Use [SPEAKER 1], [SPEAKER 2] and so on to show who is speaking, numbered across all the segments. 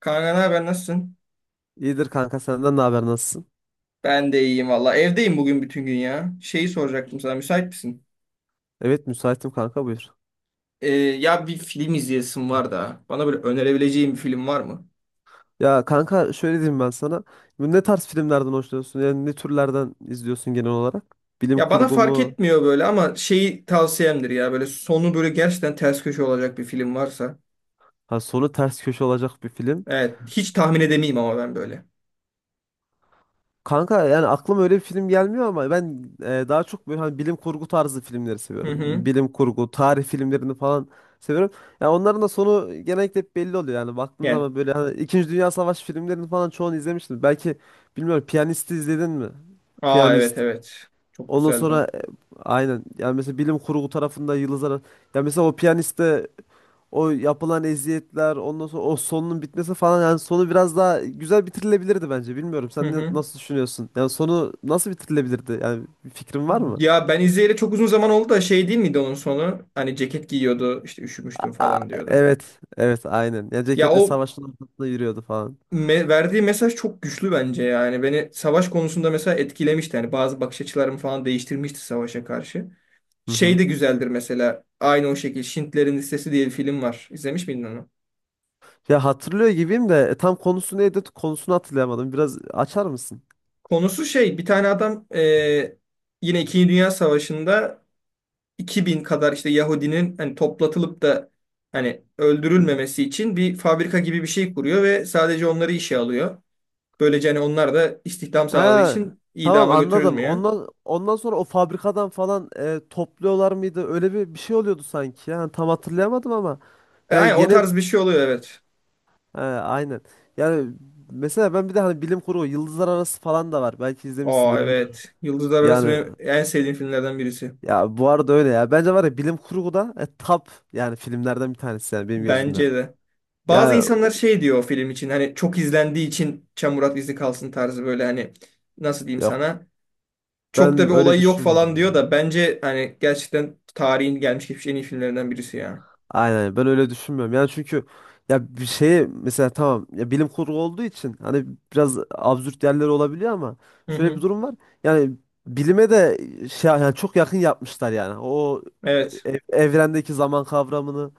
[SPEAKER 1] Kanka ne haber nasılsın?
[SPEAKER 2] İyidir kanka senden ne haber nasılsın?
[SPEAKER 1] Ben de iyiyim valla. Evdeyim bugün bütün gün ya. Şeyi soracaktım sana müsait misin?
[SPEAKER 2] Evet müsaitim kanka buyur.
[SPEAKER 1] Ya bir film izleyesim var da. Bana böyle önerebileceğin bir film var mı?
[SPEAKER 2] Ya kanka şöyle diyeyim ben sana. Bu ne tarz filmlerden hoşlanıyorsun? Yani ne türlerden izliyorsun genel olarak? Bilim
[SPEAKER 1] Ya bana
[SPEAKER 2] kurgu
[SPEAKER 1] fark
[SPEAKER 2] mu?
[SPEAKER 1] etmiyor böyle ama şeyi tavsiyemdir ya. Böyle sonu böyle gerçekten ters köşe olacak bir film varsa.
[SPEAKER 2] Ha, sonu ters köşe olacak bir film.
[SPEAKER 1] Evet hiç tahmin edemeyim ama ben böyle.
[SPEAKER 2] Kanka yani aklıma öyle bir film gelmiyor ama ben daha çok böyle hani bilim kurgu tarzı filmleri
[SPEAKER 1] Hı
[SPEAKER 2] seviyorum.
[SPEAKER 1] hı.
[SPEAKER 2] Bilim kurgu, tarih filmlerini falan seviyorum. Ya onların da sonu genellikle hep belli oluyor yani baktığın
[SPEAKER 1] Yani.
[SPEAKER 2] zaman böyle hani İkinci Dünya Savaşı filmlerini falan çoğunu izlemiştim. Belki bilmiyorum Piyanist'i izledin mi?
[SPEAKER 1] Aa evet,
[SPEAKER 2] Piyanist.
[SPEAKER 1] evet. Çok
[SPEAKER 2] Ondan
[SPEAKER 1] güzeldi
[SPEAKER 2] sonra
[SPEAKER 1] o.
[SPEAKER 2] aynen yani mesela bilim kurgu tarafında yıldızlar, ya mesela o piyaniste o yapılan eziyetler, ondan sonra o sonunun bitmesi falan. Yani sonu biraz daha güzel bitirilebilirdi bence, bilmiyorum
[SPEAKER 1] Hı
[SPEAKER 2] sen
[SPEAKER 1] hı.
[SPEAKER 2] nasıl düşünüyorsun, yani sonu nasıl bitirilebilirdi, yani bir fikrin var mı?
[SPEAKER 1] Ya ben izleyeli çok uzun zaman oldu da şey değil miydi onun sonu? Hani ceket giyiyordu işte üşümüştüm
[SPEAKER 2] Aa,
[SPEAKER 1] falan diyordu.
[SPEAKER 2] evet evet, aynen ya,
[SPEAKER 1] Ya
[SPEAKER 2] ceketle
[SPEAKER 1] o
[SPEAKER 2] savaşın ortasında yürüyordu falan.
[SPEAKER 1] Verdiği mesaj çok güçlü bence yani. Beni savaş konusunda mesela etkilemişti. Yani bazı bakış açılarımı falan değiştirmişti savaşa karşı.
[SPEAKER 2] Hı
[SPEAKER 1] Şey
[SPEAKER 2] hı.
[SPEAKER 1] de güzeldir mesela. Aynı o şekilde Schindler'in Listesi diye bir film var. İzlemiş miydin onu?
[SPEAKER 2] Ya hatırlıyor gibiyim de tam konusu neydi, konusunu hatırlayamadım, biraz açar mısın?
[SPEAKER 1] Konusu şey, bir tane adam yine İkinci Dünya Savaşı'nda 2000 kadar işte Yahudinin hani toplatılıp da hani öldürülmemesi için bir fabrika gibi bir şey kuruyor ve sadece onları işe alıyor. Böylece hani onlar da istihdam sağladığı
[SPEAKER 2] Ha,
[SPEAKER 1] için
[SPEAKER 2] tamam
[SPEAKER 1] idama
[SPEAKER 2] anladım.
[SPEAKER 1] götürülmüyor.
[SPEAKER 2] Ondan sonra o fabrikadan falan topluyorlar mıydı? Öyle bir şey oluyordu sanki. Yani tam hatırlayamadım ama
[SPEAKER 1] E,
[SPEAKER 2] yani
[SPEAKER 1] aynen o
[SPEAKER 2] gene.
[SPEAKER 1] tarz bir şey oluyor, evet.
[SPEAKER 2] Ha, aynen. Yani mesela ben bir de hani bilim kurgu Yıldızlar Arası falan da var. Belki izlemişsindir,
[SPEAKER 1] Aa
[SPEAKER 2] bilmiyorum.
[SPEAKER 1] evet. Yıldızlar Arası
[SPEAKER 2] Yani
[SPEAKER 1] benim en sevdiğim filmlerden birisi.
[SPEAKER 2] ya bu arada öyle ya. Bence var ya, bilim kurgu da top yani filmlerden bir tanesi yani benim gözümde.
[SPEAKER 1] Bence de. Bazı
[SPEAKER 2] Yani
[SPEAKER 1] insanlar şey diyor o film için, hani çok izlendiği için çamurat izi kalsın tarzı, böyle hani nasıl diyeyim
[SPEAKER 2] yok,
[SPEAKER 1] sana, çok da
[SPEAKER 2] ben
[SPEAKER 1] bir
[SPEAKER 2] öyle
[SPEAKER 1] olayı yok falan diyor
[SPEAKER 2] düşünmüyorum.
[SPEAKER 1] da bence hani gerçekten tarihin gelmiş geçmiş en iyi filmlerinden birisi ya.
[SPEAKER 2] Aynen, ben öyle düşünmüyorum. Yani çünkü ya bir şeye mesela, tamam ya bilim kurgu olduğu için hani biraz absürt yerler olabiliyor ama
[SPEAKER 1] Hı
[SPEAKER 2] şöyle bir
[SPEAKER 1] hı.
[SPEAKER 2] durum var. Yani bilime de şey, yani çok yakın yapmışlar yani. O
[SPEAKER 1] Evet.
[SPEAKER 2] evrendeki zaman kavramını,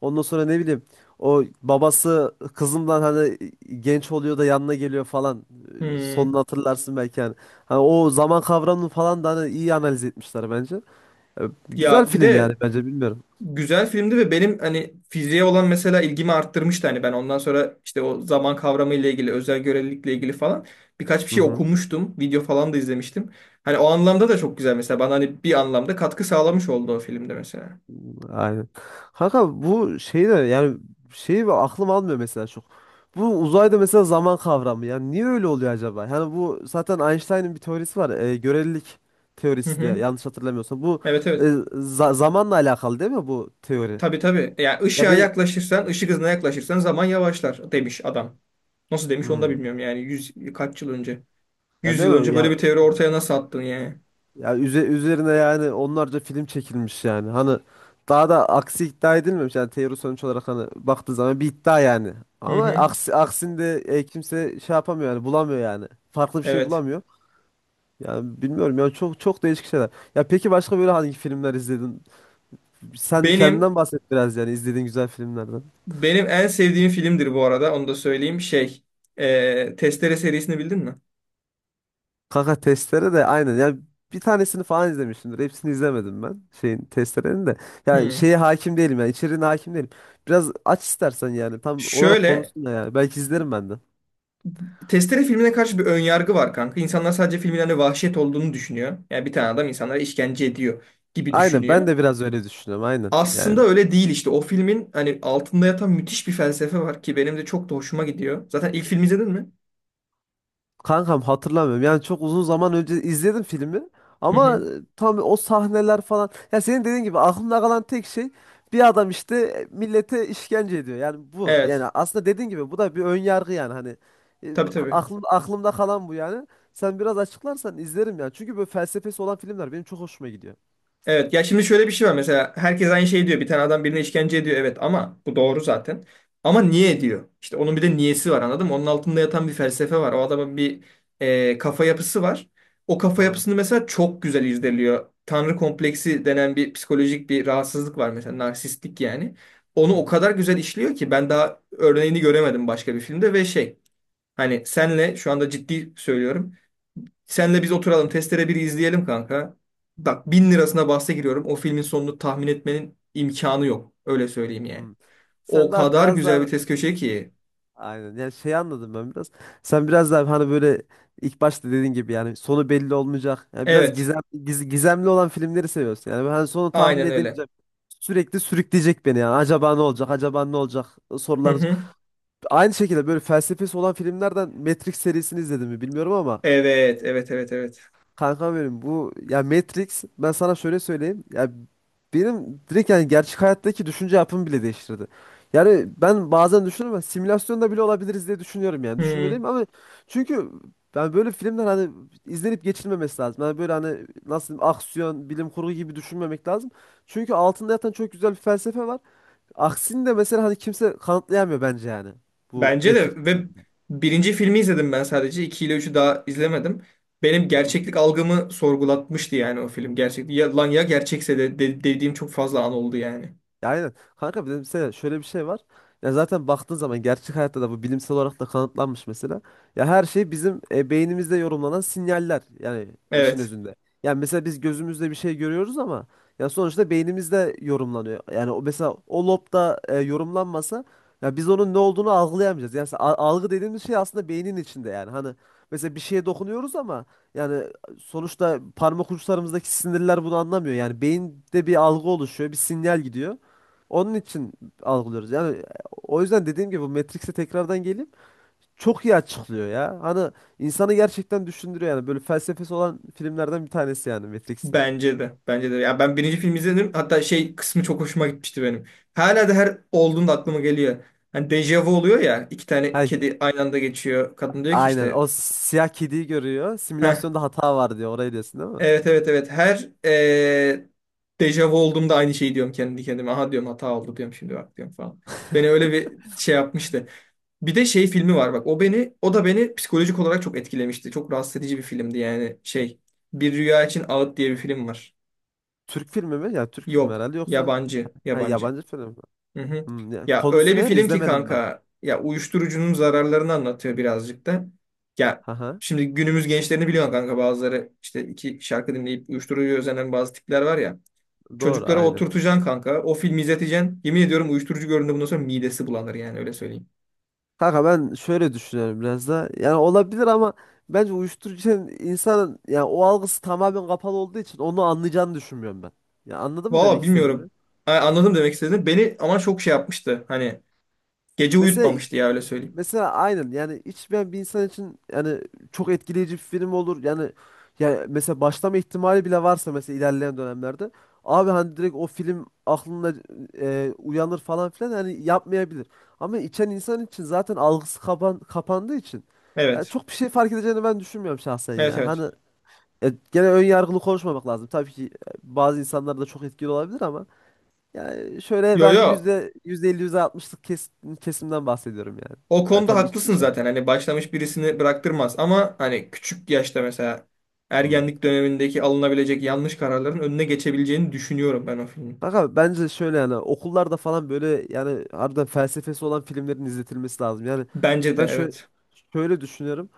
[SPEAKER 2] ondan sonra ne bileyim, o babası kızından hani genç oluyor da yanına geliyor falan.
[SPEAKER 1] Hmm.
[SPEAKER 2] Sonunu hatırlarsın belki yani. Hani o zaman kavramını falan da hani iyi analiz etmişler bence. E, Güzel
[SPEAKER 1] Ya bir
[SPEAKER 2] film yani,
[SPEAKER 1] de
[SPEAKER 2] bence, bilmiyorum.
[SPEAKER 1] güzel filmdi ve benim hani fiziğe olan mesela ilgimi arttırmıştı. Hani ben ondan sonra işte o zaman kavramı ile ilgili, özel görelilikle ilgili falan birkaç bir
[SPEAKER 2] Hı
[SPEAKER 1] şey
[SPEAKER 2] hı.
[SPEAKER 1] okumuştum. Video falan da izlemiştim. Hani o anlamda da çok güzel mesela. Bana hani bir anlamda katkı sağlamış oldu o filmde mesela.
[SPEAKER 2] Aynen. Kanka bu şey de yani şeyi ve aklım almıyor mesela çok. Bu uzayda mesela zaman kavramı yani niye öyle oluyor acaba? Yani bu zaten Einstein'ın bir teorisi var. Görelilik
[SPEAKER 1] Hı
[SPEAKER 2] teorisi, de
[SPEAKER 1] hı.
[SPEAKER 2] yanlış hatırlamıyorsam. Bu
[SPEAKER 1] Evet,
[SPEAKER 2] e,
[SPEAKER 1] evet.
[SPEAKER 2] zamanla alakalı değil mi bu teori?
[SPEAKER 1] Tabii, tabii. Yani
[SPEAKER 2] Ya
[SPEAKER 1] ışığa
[SPEAKER 2] ben,
[SPEAKER 1] yaklaşırsan, ışık hızına yaklaşırsan zaman yavaşlar demiş adam. Nasıl demiş onu da
[SPEAKER 2] hmm.
[SPEAKER 1] bilmiyorum yani. Kaç yıl önce?
[SPEAKER 2] Ya
[SPEAKER 1] yüz
[SPEAKER 2] değil
[SPEAKER 1] yıl
[SPEAKER 2] mi?
[SPEAKER 1] önce böyle
[SPEAKER 2] Ya,
[SPEAKER 1] bir teori ortaya nasıl attın yani?
[SPEAKER 2] ya üzerine yani onlarca film çekilmiş yani. Hani daha da aksi iddia edilmemiş. Yani teori sonuç olarak hani baktığı zaman bir iddia yani.
[SPEAKER 1] Hı
[SPEAKER 2] Ama
[SPEAKER 1] hı.
[SPEAKER 2] aksi, aksinde kimse şey yapamıyor yani, bulamıyor yani. Farklı bir şey
[SPEAKER 1] Evet.
[SPEAKER 2] bulamıyor. Yani bilmiyorum ya, çok çok değişik şeyler. Ya peki başka böyle hangi filmler izledin? Sen
[SPEAKER 1] Benim
[SPEAKER 2] kendinden bahset biraz, yani izlediğin güzel filmlerden.
[SPEAKER 1] Benim en sevdiğim filmdir bu arada. Onu da söyleyeyim. Şey, Testere serisini bildin mi?
[SPEAKER 2] Kaka testere de aynen. Yani bir tanesini falan izlemişimdir. Hepsini izlemedim ben. Şeyin, testerenin de. Yani
[SPEAKER 1] Hmm.
[SPEAKER 2] şeye hakim değilim yani, içeriğine hakim değilim. Biraz aç istersen yani. Tam olarak
[SPEAKER 1] Şöyle,
[SPEAKER 2] konusunda yani. Belki izlerim ben de.
[SPEAKER 1] Testere filmine karşı bir önyargı var kanka. İnsanlar sadece filmin hani vahşet olduğunu düşünüyor. Yani bir tane adam insanlara işkence ediyor gibi
[SPEAKER 2] Aynen, ben
[SPEAKER 1] düşünüyor.
[SPEAKER 2] de biraz öyle düşünüyorum. Aynen
[SPEAKER 1] Aslında
[SPEAKER 2] yani.
[SPEAKER 1] öyle değil işte. O filmin hani altında yatan müthiş bir felsefe var ki benim de çok da hoşuma gidiyor. Zaten ilk filmi izledin mi?
[SPEAKER 2] Kankam, hatırlamıyorum. Yani çok uzun zaman önce izledim filmi.
[SPEAKER 1] Hı
[SPEAKER 2] Ama
[SPEAKER 1] hı.
[SPEAKER 2] tam o sahneler falan. Ya senin dediğin gibi aklımda kalan tek şey, bir adam işte millete işkence ediyor. Yani bu.
[SPEAKER 1] Evet.
[SPEAKER 2] Yani aslında dediğin gibi bu da bir ön yargı yani hani, e,
[SPEAKER 1] Tabii, tabii.
[SPEAKER 2] aklımda kalan bu yani. Sen biraz açıklarsan izlerim yani, çünkü böyle felsefesi olan filmler benim çok hoşuma gidiyor.
[SPEAKER 1] Evet, ya şimdi şöyle bir şey var mesela, herkes aynı şeyi diyor, bir tane adam birine işkence ediyor, evet ama bu doğru zaten. Ama niye ediyor işte, onun bir de niyesi var, anladın mı? Onun altında yatan bir felsefe var, o adamın bir kafa yapısı var. O kafa
[SPEAKER 2] Doğru.
[SPEAKER 1] yapısını mesela çok güzel irdeliyor. Tanrı kompleksi denen bir psikolojik bir rahatsızlık var mesela, narsistlik yani.
[SPEAKER 2] Hı
[SPEAKER 1] Onu o
[SPEAKER 2] hı.
[SPEAKER 1] kadar güzel işliyor ki ben daha örneğini göremedim başka bir filmde. Ve şey, hani senle şu anda ciddi söylüyorum, senle biz oturalım Testere biri izleyelim kanka.
[SPEAKER 2] Hı
[SPEAKER 1] Bak, bin
[SPEAKER 2] hı.
[SPEAKER 1] lirasına bahse giriyorum. O filmin sonunu tahmin etmenin imkanı yok. Öyle söyleyeyim
[SPEAKER 2] Hı.
[SPEAKER 1] yani. O
[SPEAKER 2] Sen daha
[SPEAKER 1] kadar
[SPEAKER 2] biraz
[SPEAKER 1] güzel
[SPEAKER 2] daha.
[SPEAKER 1] bir test köşe ki.
[SPEAKER 2] Aynen. Yani şey, anladım ben biraz. Sen biraz daha hani böyle ilk başta dediğin gibi yani sonu belli olmayacak. Yani biraz
[SPEAKER 1] Evet.
[SPEAKER 2] gizem, gizemli olan filmleri seviyorsun. Yani ben sonu tahmin
[SPEAKER 1] Aynen öyle.
[SPEAKER 2] edemeyeceğim. Sürekli sürükleyecek beni yani. Acaba ne olacak? Acaba ne olacak?
[SPEAKER 1] Hı
[SPEAKER 2] Sorularınız.
[SPEAKER 1] hı.
[SPEAKER 2] Aynı şekilde böyle felsefesi olan filmlerden Matrix serisini izledim mi bilmiyorum ama.
[SPEAKER 1] Evet. Evet. Evet. Evet.
[SPEAKER 2] Kanka benim bu ya Matrix, ben sana şöyle söyleyeyim. Ya benim direkt yani gerçek hayattaki düşünce yapımı bile değiştirdi. Yani ben bazen düşünüyorum ama simülasyonda bile olabiliriz diye düşünüyorum yani. Düşünmüyor
[SPEAKER 1] Hı.
[SPEAKER 2] değilim ama, çünkü ben böyle filmler hani izlenip geçilmemesi lazım. Yani böyle hani nasıl diyeyim, aksiyon, bilim kurgu gibi düşünmemek lazım. Çünkü altında yatan çok güzel bir felsefe var. Aksini de mesela hani kimse kanıtlayamıyor bence yani. Bu
[SPEAKER 1] Bence
[SPEAKER 2] Matrix.
[SPEAKER 1] de. Ve birinci filmi izledim ben sadece. İki ile üçü daha izlemedim. Benim gerçeklik algımı sorgulatmıştı yani o film. Gerçek, ya, lan ya gerçekse de dediğim çok fazla an oldu yani.
[SPEAKER 2] Ya aynen. Kanka bir de mesela şöyle bir şey var. Ya zaten baktığın zaman gerçek hayatta da bu bilimsel olarak da kanıtlanmış mesela. Ya her şey bizim beynimizde yorumlanan sinyaller yani işin
[SPEAKER 1] Evet.
[SPEAKER 2] özünde. Yani mesela biz gözümüzle bir şey görüyoruz ama ya sonuçta beynimizde yorumlanıyor. Yani o mesela o lobda yorumlanmasa, ya biz onun ne olduğunu algılayamayacağız. Yani algı dediğimiz şey aslında beynin içinde yani. Hani mesela bir şeye dokunuyoruz ama yani sonuçta parmak uçlarımızdaki sinirler bunu anlamıyor. Yani beyinde bir algı oluşuyor, bir sinyal gidiyor. Onun için algılıyoruz. Yani o yüzden dediğim gibi bu Matrix'e tekrardan gelip çok iyi açıklıyor ya. Hani insanı gerçekten düşündürüyor yani. Böyle felsefesi olan filmlerden bir tanesi yani, Matrix'ten.
[SPEAKER 1] Bence de. Bence de. Ya ben birinci film izledim. Hatta şey kısmı çok hoşuma gitmişti benim. Hala da her olduğunda aklıma geliyor. Hani dejavu oluyor ya. İki tane
[SPEAKER 2] Ha,
[SPEAKER 1] kedi aynı anda geçiyor. Kadın diyor ki
[SPEAKER 2] aynen,
[SPEAKER 1] işte.
[SPEAKER 2] o siyah kediyi görüyor.
[SPEAKER 1] Heh,
[SPEAKER 2] Simülasyonda hata var diyor. Orayı diyorsun değil mi?
[SPEAKER 1] evet, evet, evet. Her dejavu olduğumda aynı şeyi diyorum kendi kendime. Aha, diyorum, hata oldu diyorum, şimdi bak diyorum falan. Beni öyle bir şey yapmıştı. Bir de şey filmi var bak. O beni, o da beni psikolojik olarak çok etkilemişti. Çok rahatsız edici bir filmdi yani şey. Bir Rüya için Ağıt diye bir film var.
[SPEAKER 2] Türk filmi mi? Ya Türk filmi
[SPEAKER 1] Yok.
[SPEAKER 2] herhalde, yoksa
[SPEAKER 1] Yabancı.
[SPEAKER 2] ha,
[SPEAKER 1] Yabancı.
[SPEAKER 2] yabancı film mi?
[SPEAKER 1] Hı hı.
[SPEAKER 2] Hmm,
[SPEAKER 1] Ya öyle
[SPEAKER 2] konusu
[SPEAKER 1] bir
[SPEAKER 2] ne?
[SPEAKER 1] film ki
[SPEAKER 2] İzlemedim ben.
[SPEAKER 1] kanka, ya uyuşturucunun zararlarını anlatıyor birazcık da. Ya
[SPEAKER 2] Haha.
[SPEAKER 1] şimdi günümüz gençlerini biliyorsun kanka, bazıları işte iki şarkı dinleyip uyuşturucuya özenen bazı tipler var ya.
[SPEAKER 2] Doğru,
[SPEAKER 1] Çocuklara
[SPEAKER 2] aynen.
[SPEAKER 1] oturtacaksın kanka, o filmi izleteceksin. Yemin ediyorum uyuşturucu gördüğünde bundan sonra midesi bulanır, yani öyle söyleyeyim.
[SPEAKER 2] Kanka ben şöyle düşünüyorum biraz da. Yani olabilir ama bence uyuşturucunun insanın yani o algısı tamamen kapalı olduğu için onu anlayacağını düşünmüyorum ben. Ya anladın mı
[SPEAKER 1] Valla
[SPEAKER 2] demek istediğimi?
[SPEAKER 1] bilmiyorum. Ha, anladım demek istediğini. Beni ama çok şey yapmıştı. Hani gece
[SPEAKER 2] Mesela
[SPEAKER 1] uyutmamıştı, ya öyle söyleyeyim.
[SPEAKER 2] Mesela aynen yani hiç, ben bir insan için yani çok etkileyici bir film olur. Yani ya mesela başlama ihtimali bile varsa mesela ilerleyen dönemlerde, abi hani direkt o film aklında uyanır falan filan, hani yapmayabilir. Ama içen insan için zaten algısı kapandığı için yani
[SPEAKER 1] Evet.
[SPEAKER 2] çok bir şey fark edeceğini ben düşünmüyorum şahsen
[SPEAKER 1] Evet,
[SPEAKER 2] ya.
[SPEAKER 1] evet.
[SPEAKER 2] Hani gene ön yargılı konuşmamak lazım. Tabii ki bazı insanlar da çok etkili olabilir ama yani şöyle,
[SPEAKER 1] Yo,
[SPEAKER 2] ben
[SPEAKER 1] yo.
[SPEAKER 2] yüzde elli, yüzde altmışlık kesimden bahsediyorum yani.
[SPEAKER 1] O
[SPEAKER 2] Ta-
[SPEAKER 1] konuda
[SPEAKER 2] tabii iç
[SPEAKER 1] haklısın
[SPEAKER 2] içen.
[SPEAKER 1] zaten. Hani başlamış birisini bıraktırmaz ama hani küçük yaşta mesela
[SPEAKER 2] Hmm.
[SPEAKER 1] ergenlik dönemindeki alınabilecek yanlış kararların önüne geçebileceğini düşünüyorum ben o filmin.
[SPEAKER 2] Bak abi bence şöyle, yani okullarda falan böyle yani harbiden felsefesi olan filmlerin izletilmesi lazım. Yani
[SPEAKER 1] Bence de
[SPEAKER 2] ben şöyle
[SPEAKER 1] evet.
[SPEAKER 2] şöyle düşünüyorum.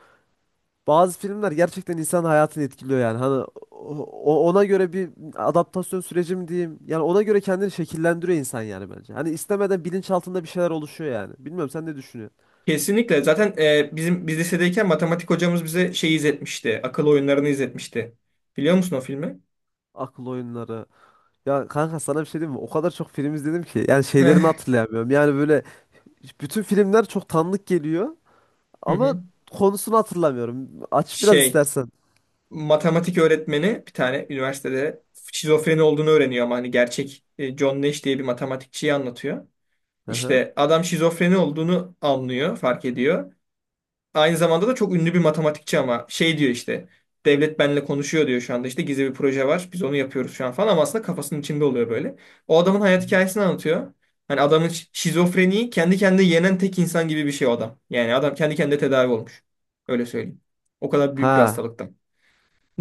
[SPEAKER 2] Bazı filmler gerçekten insanın hayatını etkiliyor yani. Hani ona göre bir adaptasyon süreci mi diyeyim? Yani ona göre kendini şekillendiriyor insan yani bence. Hani istemeden bilinçaltında bir şeyler oluşuyor yani. Bilmiyorum sen ne düşünüyorsun?
[SPEAKER 1] Kesinlikle. Zaten, e, bizim biz lisedeyken matematik hocamız bize şey izletmişti. Akıl Oyunları'nı izletmişti. Biliyor musun o filmi?
[SPEAKER 2] Akıl oyunları. Ya kanka sana bir şey diyeyim mi? O kadar çok film izledim ki. Yani şeylerini
[SPEAKER 1] Eh.
[SPEAKER 2] hatırlayamıyorum. Yani böyle bütün filmler çok tanıdık geliyor.
[SPEAKER 1] Hı hı.
[SPEAKER 2] Ama konusunu hatırlamıyorum. Aç biraz
[SPEAKER 1] Şey,
[SPEAKER 2] istersen.
[SPEAKER 1] matematik öğretmeni bir tane, üniversitede şizofreni olduğunu öğreniyor ama hani gerçek, John Nash diye bir matematikçiyi anlatıyor.
[SPEAKER 2] Hı hı.
[SPEAKER 1] İşte adam şizofreni olduğunu anlıyor, fark ediyor. Aynı zamanda da çok ünlü bir matematikçi ama şey diyor işte, devlet benimle konuşuyor diyor şu anda, işte gizli bir proje var, biz onu yapıyoruz şu an falan, ama aslında kafasının içinde oluyor böyle. O adamın hayat hikayesini anlatıyor. Hani adamın şizofreniyi kendi kendine yenen tek insan gibi bir şey o adam. Yani adam kendi kendine tedavi olmuş. Öyle söyleyeyim. O kadar büyük bir
[SPEAKER 2] Ha.
[SPEAKER 1] hastalıktan.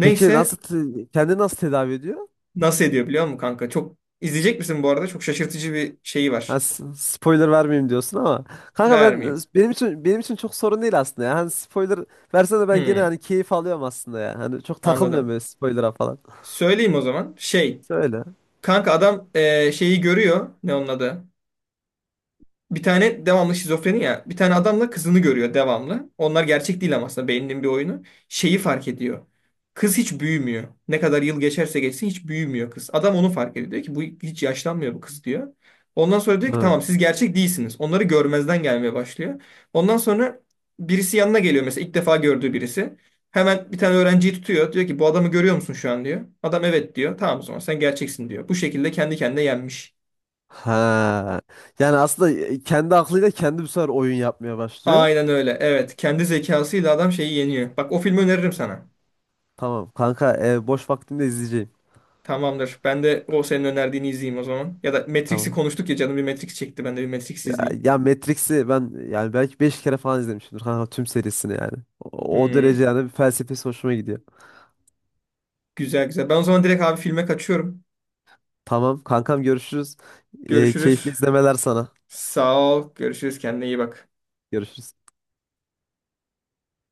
[SPEAKER 2] Peki nasıl kendini nasıl tedavi ediyor?
[SPEAKER 1] nasıl ediyor biliyor musun kanka? Çok izleyecek misin bu arada? Çok şaşırtıcı bir şeyi
[SPEAKER 2] Ha,
[SPEAKER 1] var.
[SPEAKER 2] spoiler vermeyeyim diyorsun ama, kanka ben,
[SPEAKER 1] Vermeyeyim.
[SPEAKER 2] benim için çok sorun değil aslında ya. Hani spoiler versen de ben gene
[SPEAKER 1] Hmm,
[SPEAKER 2] hani keyif alıyorum aslında ya. Hani çok takılmıyorum
[SPEAKER 1] anladım.
[SPEAKER 2] böyle spoiler'a falan.
[SPEAKER 1] Söyleyeyim o zaman. Şey.
[SPEAKER 2] Söyle.
[SPEAKER 1] Kanka adam şeyi görüyor. Ne onun adı? Bir tane, devamlı şizofreni ya. Bir tane adamla kızını görüyor devamlı. Onlar gerçek değil ama aslında beyninin bir oyunu. Şeyi fark ediyor. Kız hiç büyümüyor. Ne kadar yıl geçerse geçsin hiç büyümüyor kız. Adam onu fark ediyor. Diyor ki bu hiç yaşlanmıyor bu kız diyor. Ondan sonra diyor ki
[SPEAKER 2] Hı.
[SPEAKER 1] tamam, siz gerçek değilsiniz. Onları görmezden gelmeye başlıyor. Ondan sonra birisi yanına geliyor mesela, ilk defa gördüğü birisi. Hemen bir tane öğrenciyi tutuyor. Diyor ki bu adamı görüyor musun şu an diyor. Adam evet diyor. Tamam, o zaman sen gerçeksin diyor. Bu şekilde kendi kendine yenmiş.
[SPEAKER 2] Ha. Yani aslında kendi aklıyla kendi bu sefer oyun yapmaya başlıyor.
[SPEAKER 1] Aynen öyle. Evet. Kendi zekasıyla adam şeyi yeniyor. Bak, o filmi öneririm sana.
[SPEAKER 2] Tamam kanka, boş vaktimde izleyeceğim.
[SPEAKER 1] Tamamdır. Ben de o senin önerdiğini izleyeyim o zaman. Ya da Matrix'i
[SPEAKER 2] Tamam.
[SPEAKER 1] konuştuk ya, canım bir Matrix çekti. Ben de bir Matrix
[SPEAKER 2] Ya,
[SPEAKER 1] izleyeyim.
[SPEAKER 2] ya, Matrix'i ben yani belki 5 kere falan izlemişimdir kanka, tüm serisini yani. O derece
[SPEAKER 1] Hmm,
[SPEAKER 2] yani, bir felsefesi hoşuma gidiyor.
[SPEAKER 1] güzel, güzel. Ben o zaman direkt abi filme kaçıyorum.
[SPEAKER 2] Tamam kankam, görüşürüz. Keyifli
[SPEAKER 1] Görüşürüz.
[SPEAKER 2] izlemeler sana.
[SPEAKER 1] Sağ ol. Görüşürüz. Kendine iyi bak.
[SPEAKER 2] Görüşürüz.